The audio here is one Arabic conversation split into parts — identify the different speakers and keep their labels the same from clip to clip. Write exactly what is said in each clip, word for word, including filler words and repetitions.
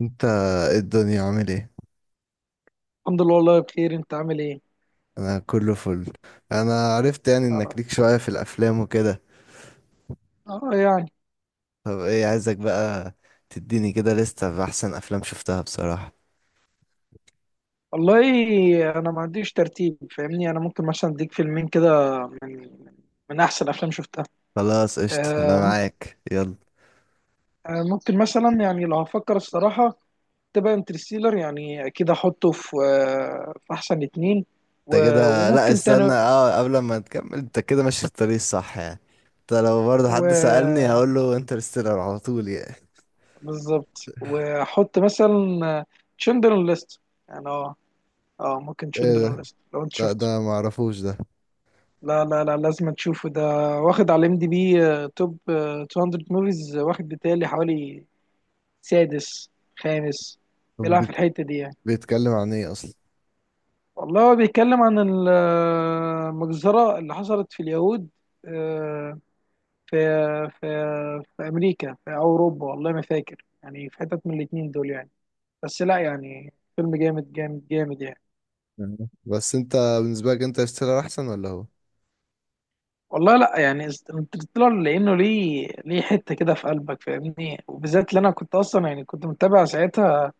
Speaker 1: انت، ايه الدنيا؟ عامل ايه؟
Speaker 2: الحمد لله، والله بخير. انت عامل ايه؟
Speaker 1: انا كله فل. انا عرفت يعني انك
Speaker 2: انا
Speaker 1: ليك شوية في الافلام وكده.
Speaker 2: اه يعني،
Speaker 1: طب ايه عايزك بقى؟ تديني كده لستة باحسن افلام شفتها بصراحة.
Speaker 2: والله انا ما عنديش ترتيب، فاهمني. انا ممكن مثلا اديك فيلمين كده من من احسن افلام شفتها.
Speaker 1: خلاص قشطة، انا
Speaker 2: آه مم-
Speaker 1: معاك يلا.
Speaker 2: آه، ممكن مثلا يعني لو هفكر الصراحه تبقى انترستيلر، يعني اكيد احطه في آه، في احسن اتنين.
Speaker 1: انت
Speaker 2: و-
Speaker 1: كده، لا،
Speaker 2: وممكن
Speaker 1: استنى.
Speaker 2: تاني.
Speaker 1: اه، قبل ما تكمل، انت كده ماشي في الطريق الصح يعني. انت لو برضه حد سألني
Speaker 2: و
Speaker 1: هقول له انترستيلر على طول يعني.
Speaker 2: بالظبط، واحط مثلا تشندر ليست، يعني اه اه ممكن
Speaker 1: ايه
Speaker 2: تشندر
Speaker 1: ده؟
Speaker 2: ليست لو انت
Speaker 1: لا،
Speaker 2: شفته.
Speaker 1: ده معرفوش ده.
Speaker 2: لا لا لا، لازم تشوفه ده، واخد على ام دي بي توب آه، مئتين موفيز، واخد بتالي حوالي سادس، خامس،
Speaker 1: طب
Speaker 2: بيلعب في
Speaker 1: بيت-
Speaker 2: الحتة دي يعني.
Speaker 1: بيتكلم عن ايه اصلا؟
Speaker 2: والله هو بيتكلم عن ال- آه، المجزرة اللي حصلت في اليهود. آه، في في في أمريكا، في أوروبا، والله ما فاكر، يعني في حتت من الاتنين دول يعني. بس لا، يعني فيلم جامد جامد جامد يعني.
Speaker 1: مم. بس انت بالنسبة لك انترستيلر احسن ولا هو؟
Speaker 2: والله لا، يعني انترستيلر لانه ليه ليه حته كده في قلبك، فاهمني، وبالذات اللي انا كنت اصلا، يعني كنت متابع ساعتها.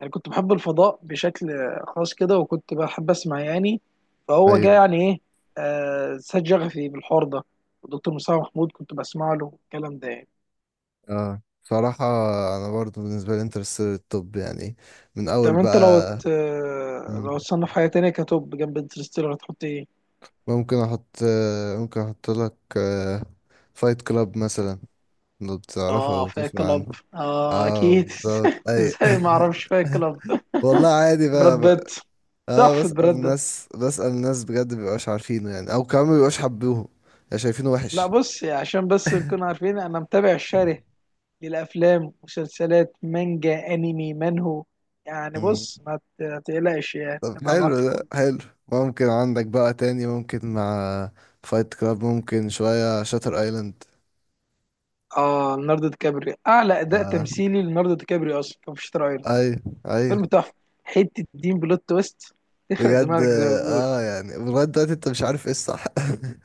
Speaker 2: يعني كنت بحب الفضاء بشكل خاص كده، وكنت بحب اسمع يعني. فهو جه
Speaker 1: ايوه.
Speaker 2: يعني ايه، آه سد شغفي بالحوار ده. ودكتور مصطفى محمود كنت بسمع له الكلام ده يعني.
Speaker 1: اه، صراحة انا برضو بالنسبة لي انترستيلر الطب يعني، من
Speaker 2: طب
Speaker 1: اول
Speaker 2: انت لو
Speaker 1: بقى.
Speaker 2: ت...
Speaker 1: مم.
Speaker 2: لو تصنف حاجه تانية كتوب جنب انترستيلر هتحط ايه؟
Speaker 1: ممكن احط آه، ممكن احط لك فايت كلاب مثلا، لو بتعرفه
Speaker 2: اه
Speaker 1: او
Speaker 2: فايت
Speaker 1: تسمع
Speaker 2: كلاب،
Speaker 1: عنه.
Speaker 2: اه
Speaker 1: اه
Speaker 2: اكيد.
Speaker 1: بالظبط، اي
Speaker 2: ازاي ما اعرفش فايت كلاب؟
Speaker 1: والله عادي
Speaker 2: براد
Speaker 1: بقى,
Speaker 2: بيت،
Speaker 1: بقى. اه،
Speaker 2: تحفه
Speaker 1: بسأل
Speaker 2: براد بيت.
Speaker 1: ناس، بسأل ناس بجد مبيبقاش عارفينه يعني، او كمان مبيبقاش حبوه، يعني شايفينه
Speaker 2: لا
Speaker 1: وحش.
Speaker 2: بص، عشان بس نكون عارفين، انا متابع الشره للافلام، مسلسلات، مانجا، انمي، منهو يعني.
Speaker 1: مم.
Speaker 2: بص ما ت- ما تقلقش يعني،
Speaker 1: طب
Speaker 2: ابقى
Speaker 1: حلو،
Speaker 2: معاك في
Speaker 1: ده
Speaker 2: كله.
Speaker 1: حلو. ممكن عندك بقى تاني، ممكن مع فايت كلاب، ممكن شوية شاتر ايلاند.
Speaker 2: اه ليوناردو دي كابريو، اعلى اداء
Speaker 1: اه،
Speaker 2: تمثيلي ليوناردو دي كابريو اصلا كان في شاتر ايلاند.
Speaker 1: ايوه، ايوه
Speaker 2: فيلم تحفه، حته دين بلوت تويست، تخرق
Speaker 1: بجد.
Speaker 2: دماغك زي ما بيقولوا.
Speaker 1: اه يعني لغايه دلوقتي انت مش عارف ايه الصح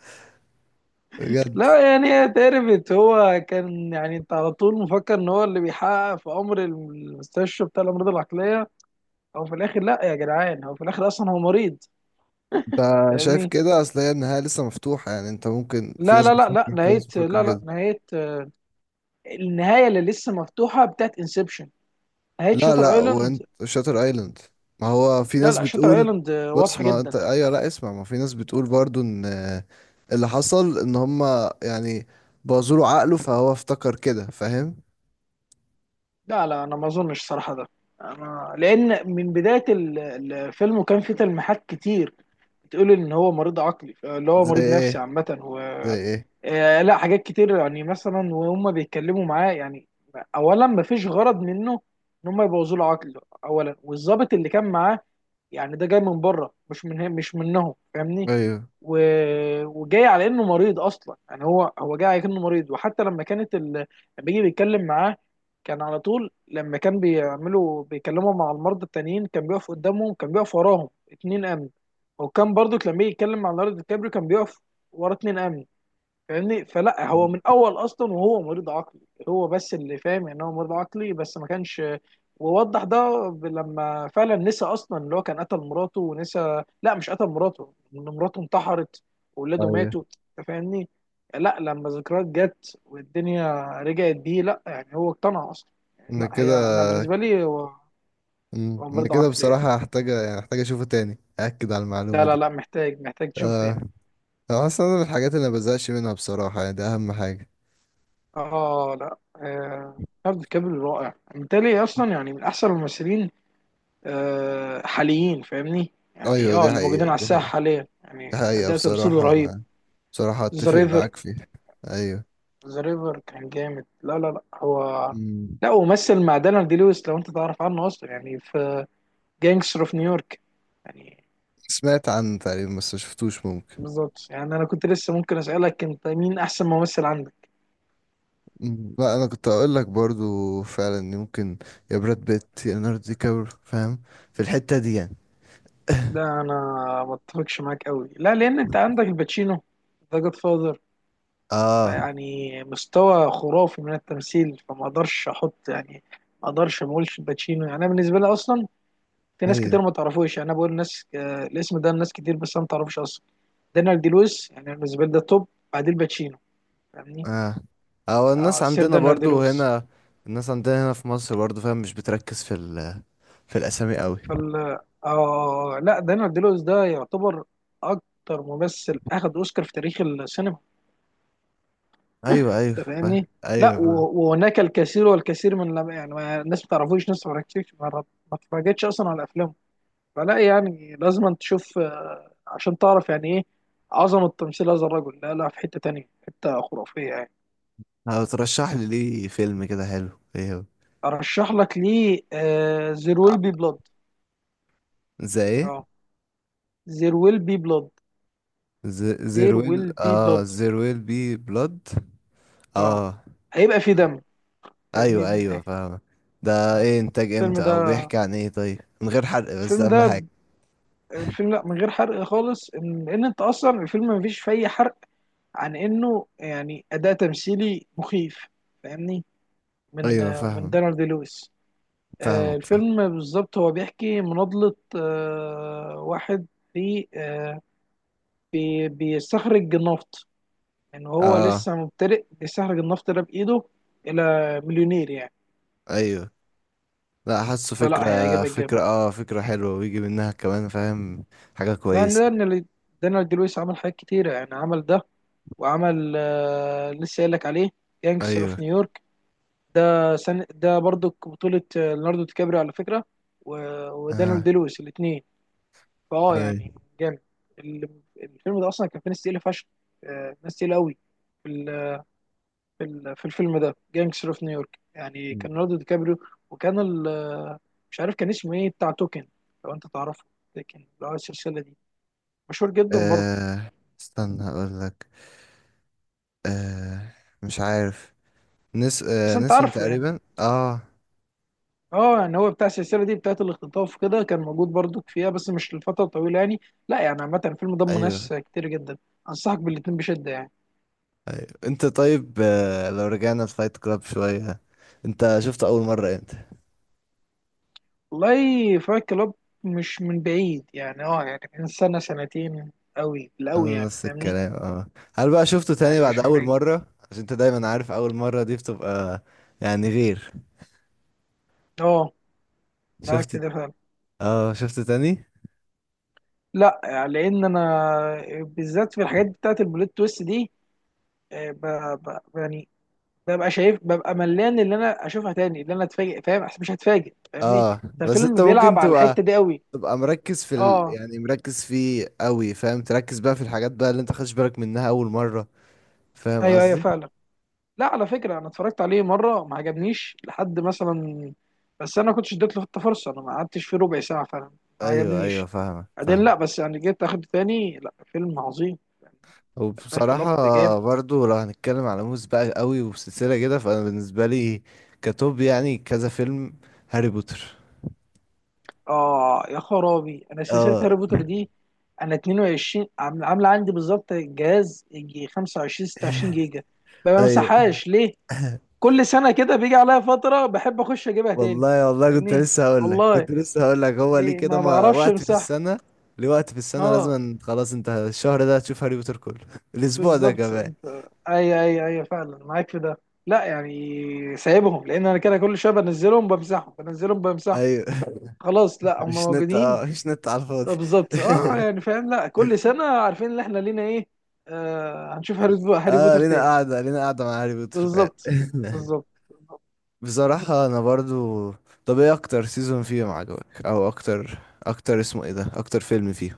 Speaker 1: بجد.
Speaker 2: لا يعني هي اتعرفت، هو كان يعني انت على طول مفكر ان هو اللي بيحقق في امر المستشفى بتاع الامراض العقليه، او في الاخر لا يا جدعان، هو في الاخر اصلا هو مريض،
Speaker 1: انت شايف
Speaker 2: فاهمني.
Speaker 1: كده؟ اصل هي النهايه لسه مفتوحه يعني، انت ممكن، في
Speaker 2: لا
Speaker 1: ناس
Speaker 2: لا لا، لا
Speaker 1: بتفكر كده، ناس
Speaker 2: نهاية،
Speaker 1: بتفكر
Speaker 2: لا، لا
Speaker 1: كده.
Speaker 2: نهاية. النهاية اللي لسه مفتوحة بتاعت انسبشن، نهاية
Speaker 1: لا،
Speaker 2: شاتر
Speaker 1: لا،
Speaker 2: ايلاند.
Speaker 1: وانت شاتر ايلاند، ما هو في
Speaker 2: لا
Speaker 1: ناس
Speaker 2: لا، شاتر
Speaker 1: بتقول.
Speaker 2: ايلاند
Speaker 1: بص،
Speaker 2: واضحة
Speaker 1: ما انت،
Speaker 2: جدا.
Speaker 1: ايوه، لا، اسمع، ما في ناس بتقول برضو ان اللي حصل ان هما يعني بوظوا له عقله فهو افتكر كده، فاهم؟
Speaker 2: لا لا، انا ما اظنش صراحة ده. أنا، لان من بداية ال- الفيلم وكان في تلميحات كتير بتقول ان هو مريض عقلي، اللي هو
Speaker 1: زي
Speaker 2: مريض نفسي
Speaker 1: ايه؟
Speaker 2: عامة. و
Speaker 1: زي ايه؟
Speaker 2: آه، لا حاجات كتير، يعني مثلا وهم بيتكلموا معاه يعني. اولا ما فيش غرض منه ان هم يبوظوا له عقله اولا، والظابط اللي كان معاه يعني، ده جاي من بره، مش من مش منهم، فاهمني.
Speaker 1: ايوه،
Speaker 2: و... وجاي على انه مريض اصلا، يعني هو هو جاي على انه مريض. وحتى لما كانت ال... لما بيجي بيتكلم معاه، كان على طول لما كان بيعملوا بيكلموا مع المرضى التانيين، كان بيقف قدامهم، كان بيقف وراهم اتنين امن. وكان برضو لما يجي يتكلم مع ليوناردو دي كابريو، كان بيقف ورا اتنين امن، فاهمني. فلا، هو من اول اصلا وهو مريض عقلي، هو بس اللي فاهم ان هو مريض عقلي بس، ما كانش. ووضح ده ب- لما فعلا نسى اصلا اللي هو كان قتل مراته، ونسى، لا مش قتل مراته، ان مراته انتحرت واولاده
Speaker 1: ايوه.
Speaker 2: ماتوا. أنت فاهمني. لا، لما ذكريات جت والدنيا رجعت بيه، لا يعني هو اقتنع اصلا.
Speaker 1: انا
Speaker 2: لا هي
Speaker 1: كده.
Speaker 2: انا بالنسبه لي، هو
Speaker 1: مم.
Speaker 2: هو
Speaker 1: انا
Speaker 2: مريض
Speaker 1: كده
Speaker 2: عقلي يعني.
Speaker 1: بصراحة هحتاج، يعني هحتاج اشوفه تاني اكد على المعلومة
Speaker 2: لا لا
Speaker 1: دي.
Speaker 2: لا، محتاج محتاج تشوف
Speaker 1: اه.
Speaker 2: تاني.
Speaker 1: انا اصلا، أنا من الحاجات اللي ما بزهقش منها بصراحة، يعني ده اهم حاجة.
Speaker 2: اه لا، آه، ليوناردو دي كابريو رائع بالتالي اصلا، يعني من احسن الممثلين آه، حاليين، فاهمني، يعني
Speaker 1: ايوه،
Speaker 2: اه
Speaker 1: دي
Speaker 2: اللي موجودين
Speaker 1: حقيقة،
Speaker 2: على
Speaker 1: دي
Speaker 2: الساحه
Speaker 1: حقيقة،
Speaker 2: حاليا،
Speaker 1: دي
Speaker 2: يعني
Speaker 1: حقيقة
Speaker 2: اداء تمثيله
Speaker 1: بصراحة.
Speaker 2: رهيب.
Speaker 1: انا بصراحة
Speaker 2: ذا
Speaker 1: اتفق
Speaker 2: ريفر،
Speaker 1: معاك فيها. ايوه.
Speaker 2: ذا ريفر كان جامد. لا لا لا هو،
Speaker 1: مم.
Speaker 2: لا، ومثل مع دانيال دي لويس. لو انت تعرف عنه اصلا، يعني في جانجستر اوف نيويورك يعني.
Speaker 1: سمعت عنه تقريبا بس ما شفتوش، ممكن.
Speaker 2: بالظبط، يعني انا كنت لسه ممكن اسالك انت مين احسن ممثل عندك.
Speaker 1: مم. لا، انا كنت اقول لك برضو فعلا إن ممكن يا براد بيت يا ليوناردو دي كابريو، فاهم، في الحتة دي يعني.
Speaker 2: ده انا ما اتفقش معاك قوي، لا، لان انت عندك الباتشينو، ذا جاد فاذر.
Speaker 1: اه،
Speaker 2: فيعني مستوى خرافي من التمثيل، فما اقدرش احط يعني. ما اقدرش، ما اقولش الباتشينو، يعني انا بالنسبه لي اصلا، في ناس
Speaker 1: ايوه،
Speaker 2: كتير ما تعرفوش يعني، انا بقول ناس، آه، الاسم ده لناس كتير، بس انا ما تعرفوش اصلا. دانيال دي لويس يعني بالنسبه لي ده توب، بعديه الباتشينو، فاهمني.
Speaker 1: اه، او
Speaker 2: آه
Speaker 1: الناس
Speaker 2: سير
Speaker 1: عندنا
Speaker 2: دانيال دي
Speaker 1: برضو
Speaker 2: لويس.
Speaker 1: هنا، الناس عندنا هنا في مصر برضو، فاهم، مش بتركز في ال... في الاسامي قوي.
Speaker 2: فال آه لا، دانيال دي لويس ده يعتبر اكتر ممثل اخذ اوسكار في تاريخ السينما.
Speaker 1: ايوه، ايوه
Speaker 2: انت
Speaker 1: فاهم.
Speaker 2: فاهمني. لا
Speaker 1: ايوه فاهم.
Speaker 2: و- وهناك الكثير والكثير من لم... يعني ما- الناس ما تعرفوش، ناس ما ركزتش، ما ما اتفرجتش اصلا على افلامه. فلا يعني لازم أن تشوف آه، عشان تعرف يعني ايه عظمة تمثيل هذا الرجل. لا لا، في حتة تانية، حتة خرافية يعني.
Speaker 1: هترشح لي ليه فيلم كده حلو، ايه هو؟
Speaker 2: ارشح لك ليه زير
Speaker 1: آه،
Speaker 2: ويل بي بلاد.
Speaker 1: زي ايه؟
Speaker 2: اه زير ويل بي بلاد، زير
Speaker 1: زيرويل،
Speaker 2: ويل بي
Speaker 1: اه
Speaker 2: بلاد.
Speaker 1: زيرويل بي بلود.
Speaker 2: اه
Speaker 1: اه،
Speaker 2: هيبقى في دم، فاهمني
Speaker 1: ايوه،
Speaker 2: من
Speaker 1: ايوه
Speaker 2: ايه.
Speaker 1: فاهم. ده
Speaker 2: آه.
Speaker 1: ايه انتاج
Speaker 2: الفيلم
Speaker 1: امتى، او
Speaker 2: ده،
Speaker 1: بيحكي عن ايه، طيب من غير حرق بس،
Speaker 2: الفيلم
Speaker 1: اهم
Speaker 2: ده،
Speaker 1: حاجه.
Speaker 2: الفيلم، لا من غير حرق خالص، ان لان انت اصلا الفيلم ما فيش فيه أي حرق. عن انه يعني اداء تمثيلي مخيف، فاهمني، من
Speaker 1: ايوه
Speaker 2: آه، من
Speaker 1: فاهم،
Speaker 2: دانيال دي لويس. آه،
Speaker 1: فاهمك فاهم.
Speaker 2: الفيلم بالظبط هو بيحكي مناضلة آه، واحد في آه، بي- بيستخرج النفط، يعني هو
Speaker 1: اه
Speaker 2: لسه مبتدئ بيستخرج النفط ده بإيده إلى مليونير يعني.
Speaker 1: ايوه. لا، حاسه
Speaker 2: فلا
Speaker 1: فكرة،
Speaker 2: هيعجبك جامد،
Speaker 1: فكرة، اه فكرة حلوة ويجي منها كمان، فاهم، حاجة
Speaker 2: لأن
Speaker 1: كويسة.
Speaker 2: ده إن دانيال دي لويس عمل حاجات كتيرة، يعني عمل ده، وعمل آه، لسه قايل لك عليه، جانجستر
Speaker 1: ايوه.
Speaker 2: اوف نيويورك. ده سن ده برضو بطولة آه، ليوناردو دي كابريو على فكرة، و- ودانيال
Speaker 1: اه،
Speaker 2: دي لويس الاتنين. فاه يعني
Speaker 1: ايوه.
Speaker 2: جامد. ال- الفيلم ده اصلا كان فيه ناس تقيله فشخ، آه، ناس تقيله قوي. في ال- في ال- في الفيلم ده جانجستر اوف نيويورك، يعني كان ليوناردو دي كابريو، وكان ال- مش عارف كان اسمه ايه بتاع توكن، لو انت تعرفه، لكن لو السلسله دي، مشهور جدا برضه.
Speaker 1: آه. استنى اقول لك. آه. مش عارف. نس
Speaker 2: بس
Speaker 1: آه.
Speaker 2: انت
Speaker 1: نسون
Speaker 2: عارفه يعني.
Speaker 1: تقريبا. اه،
Speaker 2: اه يعني هو بتاع السلسله دي بتاعت الاختطاف كده، كان موجود برضه فيها بس مش لفتره طويله يعني. لا يعني عامه الفيلم ضم
Speaker 1: ايوه،
Speaker 2: ناس كتير جدا، انصحك بالاتنين بشده يعني.
Speaker 1: ايوه. انت طيب، آه. لو رجعنا لفايت كلاب شوية، انت شفته اول مرة امتى؟
Speaker 2: والله فايت كلاب مش من بعيد يعني، اه يعني من سنة سنتين، قوي بالقوي
Speaker 1: انا
Speaker 2: يعني،
Speaker 1: نفس
Speaker 2: فاهمني.
Speaker 1: الكلام. اه. هل بقى شفته تاني
Speaker 2: يعني
Speaker 1: بعد
Speaker 2: مش من
Speaker 1: اول
Speaker 2: بعيد.
Speaker 1: مرة؟ عشان انت دايما عارف اول مرة دي بتبقى يعني غير.
Speaker 2: اه
Speaker 1: شفت،
Speaker 2: معاك في ده فعلا.
Speaker 1: اه، شفته تاني.
Speaker 2: لا يعني لان انا بالذات في الحاجات بتاعت البلوت تويست دي، آه، ب... ب... يعني ببقى شايف، ببقى ملان اللي انا اشوفها تاني، اللي انا اتفاجئ، فاهم أصل مش هتفاجئ فاهمني.
Speaker 1: اه
Speaker 2: ده
Speaker 1: بس انت
Speaker 2: الفيلم
Speaker 1: ممكن
Speaker 2: بيلعب على
Speaker 1: تبقى
Speaker 2: الحتة دي قوي.
Speaker 1: تبقى مركز في ال...
Speaker 2: اه
Speaker 1: يعني مركز فيه قوي، فاهم؟ تركز بقى في الحاجات بقى اللي انت خدش بالك منها اول مرة، فاهم
Speaker 2: ايوه ايوه
Speaker 1: قصدي؟
Speaker 2: فعلا. لا على فكرة أنا اتفرجت عليه مرة ما عجبنيش، لحد مثلا بس أنا ما كنتش اديت له حتى فرصة، أنا ما قعدتش فيه ربع ساعة فعلا، ما
Speaker 1: ايوه، ايوه
Speaker 2: عجبنيش.
Speaker 1: فاهمك
Speaker 2: بعدين
Speaker 1: فاهم.
Speaker 2: لا، بس يعني جيت أخد تاني، لا فيلم عظيم. فايت
Speaker 1: وبصراحة
Speaker 2: كلاب جامد.
Speaker 1: برضو لو هنتكلم على موز بقى قوي وسلسلة كده، فانا بالنسبة لي كتوب يعني كذا فيلم، هاري بوتر.
Speaker 2: آه يا خرابي، أنا سلسلة
Speaker 1: اه،
Speaker 2: هاري بوتر دي، أنا اتنين وعشرين عام- عاملة عندي بالظبط جهاز يجي خمسة وعشرين ستة وعشرين جيجا. ما
Speaker 1: ايوه
Speaker 2: بمسحهاش ليه؟ كل سنة كده بيجي عليا فترة بحب أخش أجيبها تاني،
Speaker 1: والله، والله، كنت
Speaker 2: فاهمني؟
Speaker 1: لسه هقول لك
Speaker 2: والله
Speaker 1: كنت لسه هقول لك هو ليه
Speaker 2: ليه
Speaker 1: كده؟
Speaker 2: ما
Speaker 1: ما
Speaker 2: بعرفش
Speaker 1: وقت في
Speaker 2: أمسحها.
Speaker 1: السنة، ليه وقت في السنة
Speaker 2: آه
Speaker 1: لازم أن- خلاص، انت الشهر ده هتشوف هاري بوتر كله الاسبوع ده
Speaker 2: بالظبط
Speaker 1: كمان.
Speaker 2: انت. اي اي اي فعلا معاك في ده. لا يعني سايبهم، لان انا كده كل شويه بنزلهم بمسحهم بنزلهم بمسحهم،
Speaker 1: ايوه
Speaker 2: خلاص لا هم
Speaker 1: مش نت،
Speaker 2: موجودين.
Speaker 1: اه مش نت على الفاضي
Speaker 2: بالظبط اه يعني فاهم، لا كل سنه عارفين ان احنا لينا ايه. آه هنشوف هاري, بو- هاري
Speaker 1: اه،
Speaker 2: بوتر
Speaker 1: لينا
Speaker 2: تاني.
Speaker 1: قاعدة، لينا قاعدة مع هاري بوتر فعلا
Speaker 2: بالظبط، بالظبط.
Speaker 1: بصراحة انا برضو، طب ايه اكتر سيزون فيهم عجبك، او اكتر اكتر اسمه ايه ده، اكتر فيلم فيهم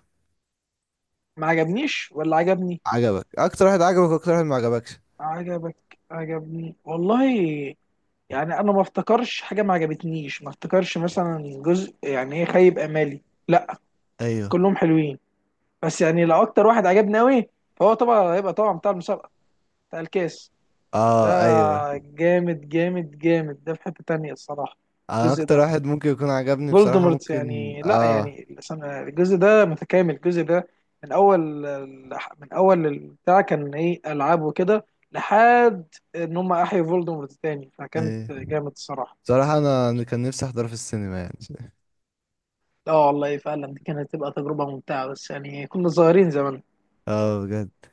Speaker 2: ما عجبنيش ولا عجبني.
Speaker 1: عجبك؟ اكتر واحد عجبك، واكتر واحد ما عجبكش؟
Speaker 2: عجبك عجبني والله. يعني انا ما افتكرش حاجه ما عجبتنيش، ما افتكرش مثلا جزء يعني ايه خيب امالي لا.
Speaker 1: ايوه.
Speaker 2: كلهم حلوين. بس يعني لو اكتر واحد عجبني قوي، فهو طبعا هيبقى طبعا بتاع المسابقه، بتاع الكاس ده.
Speaker 1: اه، ايوه.
Speaker 2: جامد جامد جامد، ده في حته تانية الصراحه.
Speaker 1: انا
Speaker 2: الجزء
Speaker 1: اكتر
Speaker 2: ده
Speaker 1: واحد ممكن يكون عجبني بصراحة،
Speaker 2: فولدمورت
Speaker 1: ممكن،
Speaker 2: يعني، لا
Speaker 1: اه.
Speaker 2: يعني السنة- الجزء ده متكامل. الجزء ده من اول، من اول البتاع كان ايه العاب وكده، لحد ان هم احيوا فولدمورت تاني، فكانت
Speaker 1: ايه
Speaker 2: جامد الصراحه.
Speaker 1: بصراحة انا أنا كان نفسي احضره في السينما يعني.
Speaker 2: اه والله فعلا، دي كانت تبقى تجربه ممتعه، بس يعني كنا صغيرين زمان
Speaker 1: اه بجد.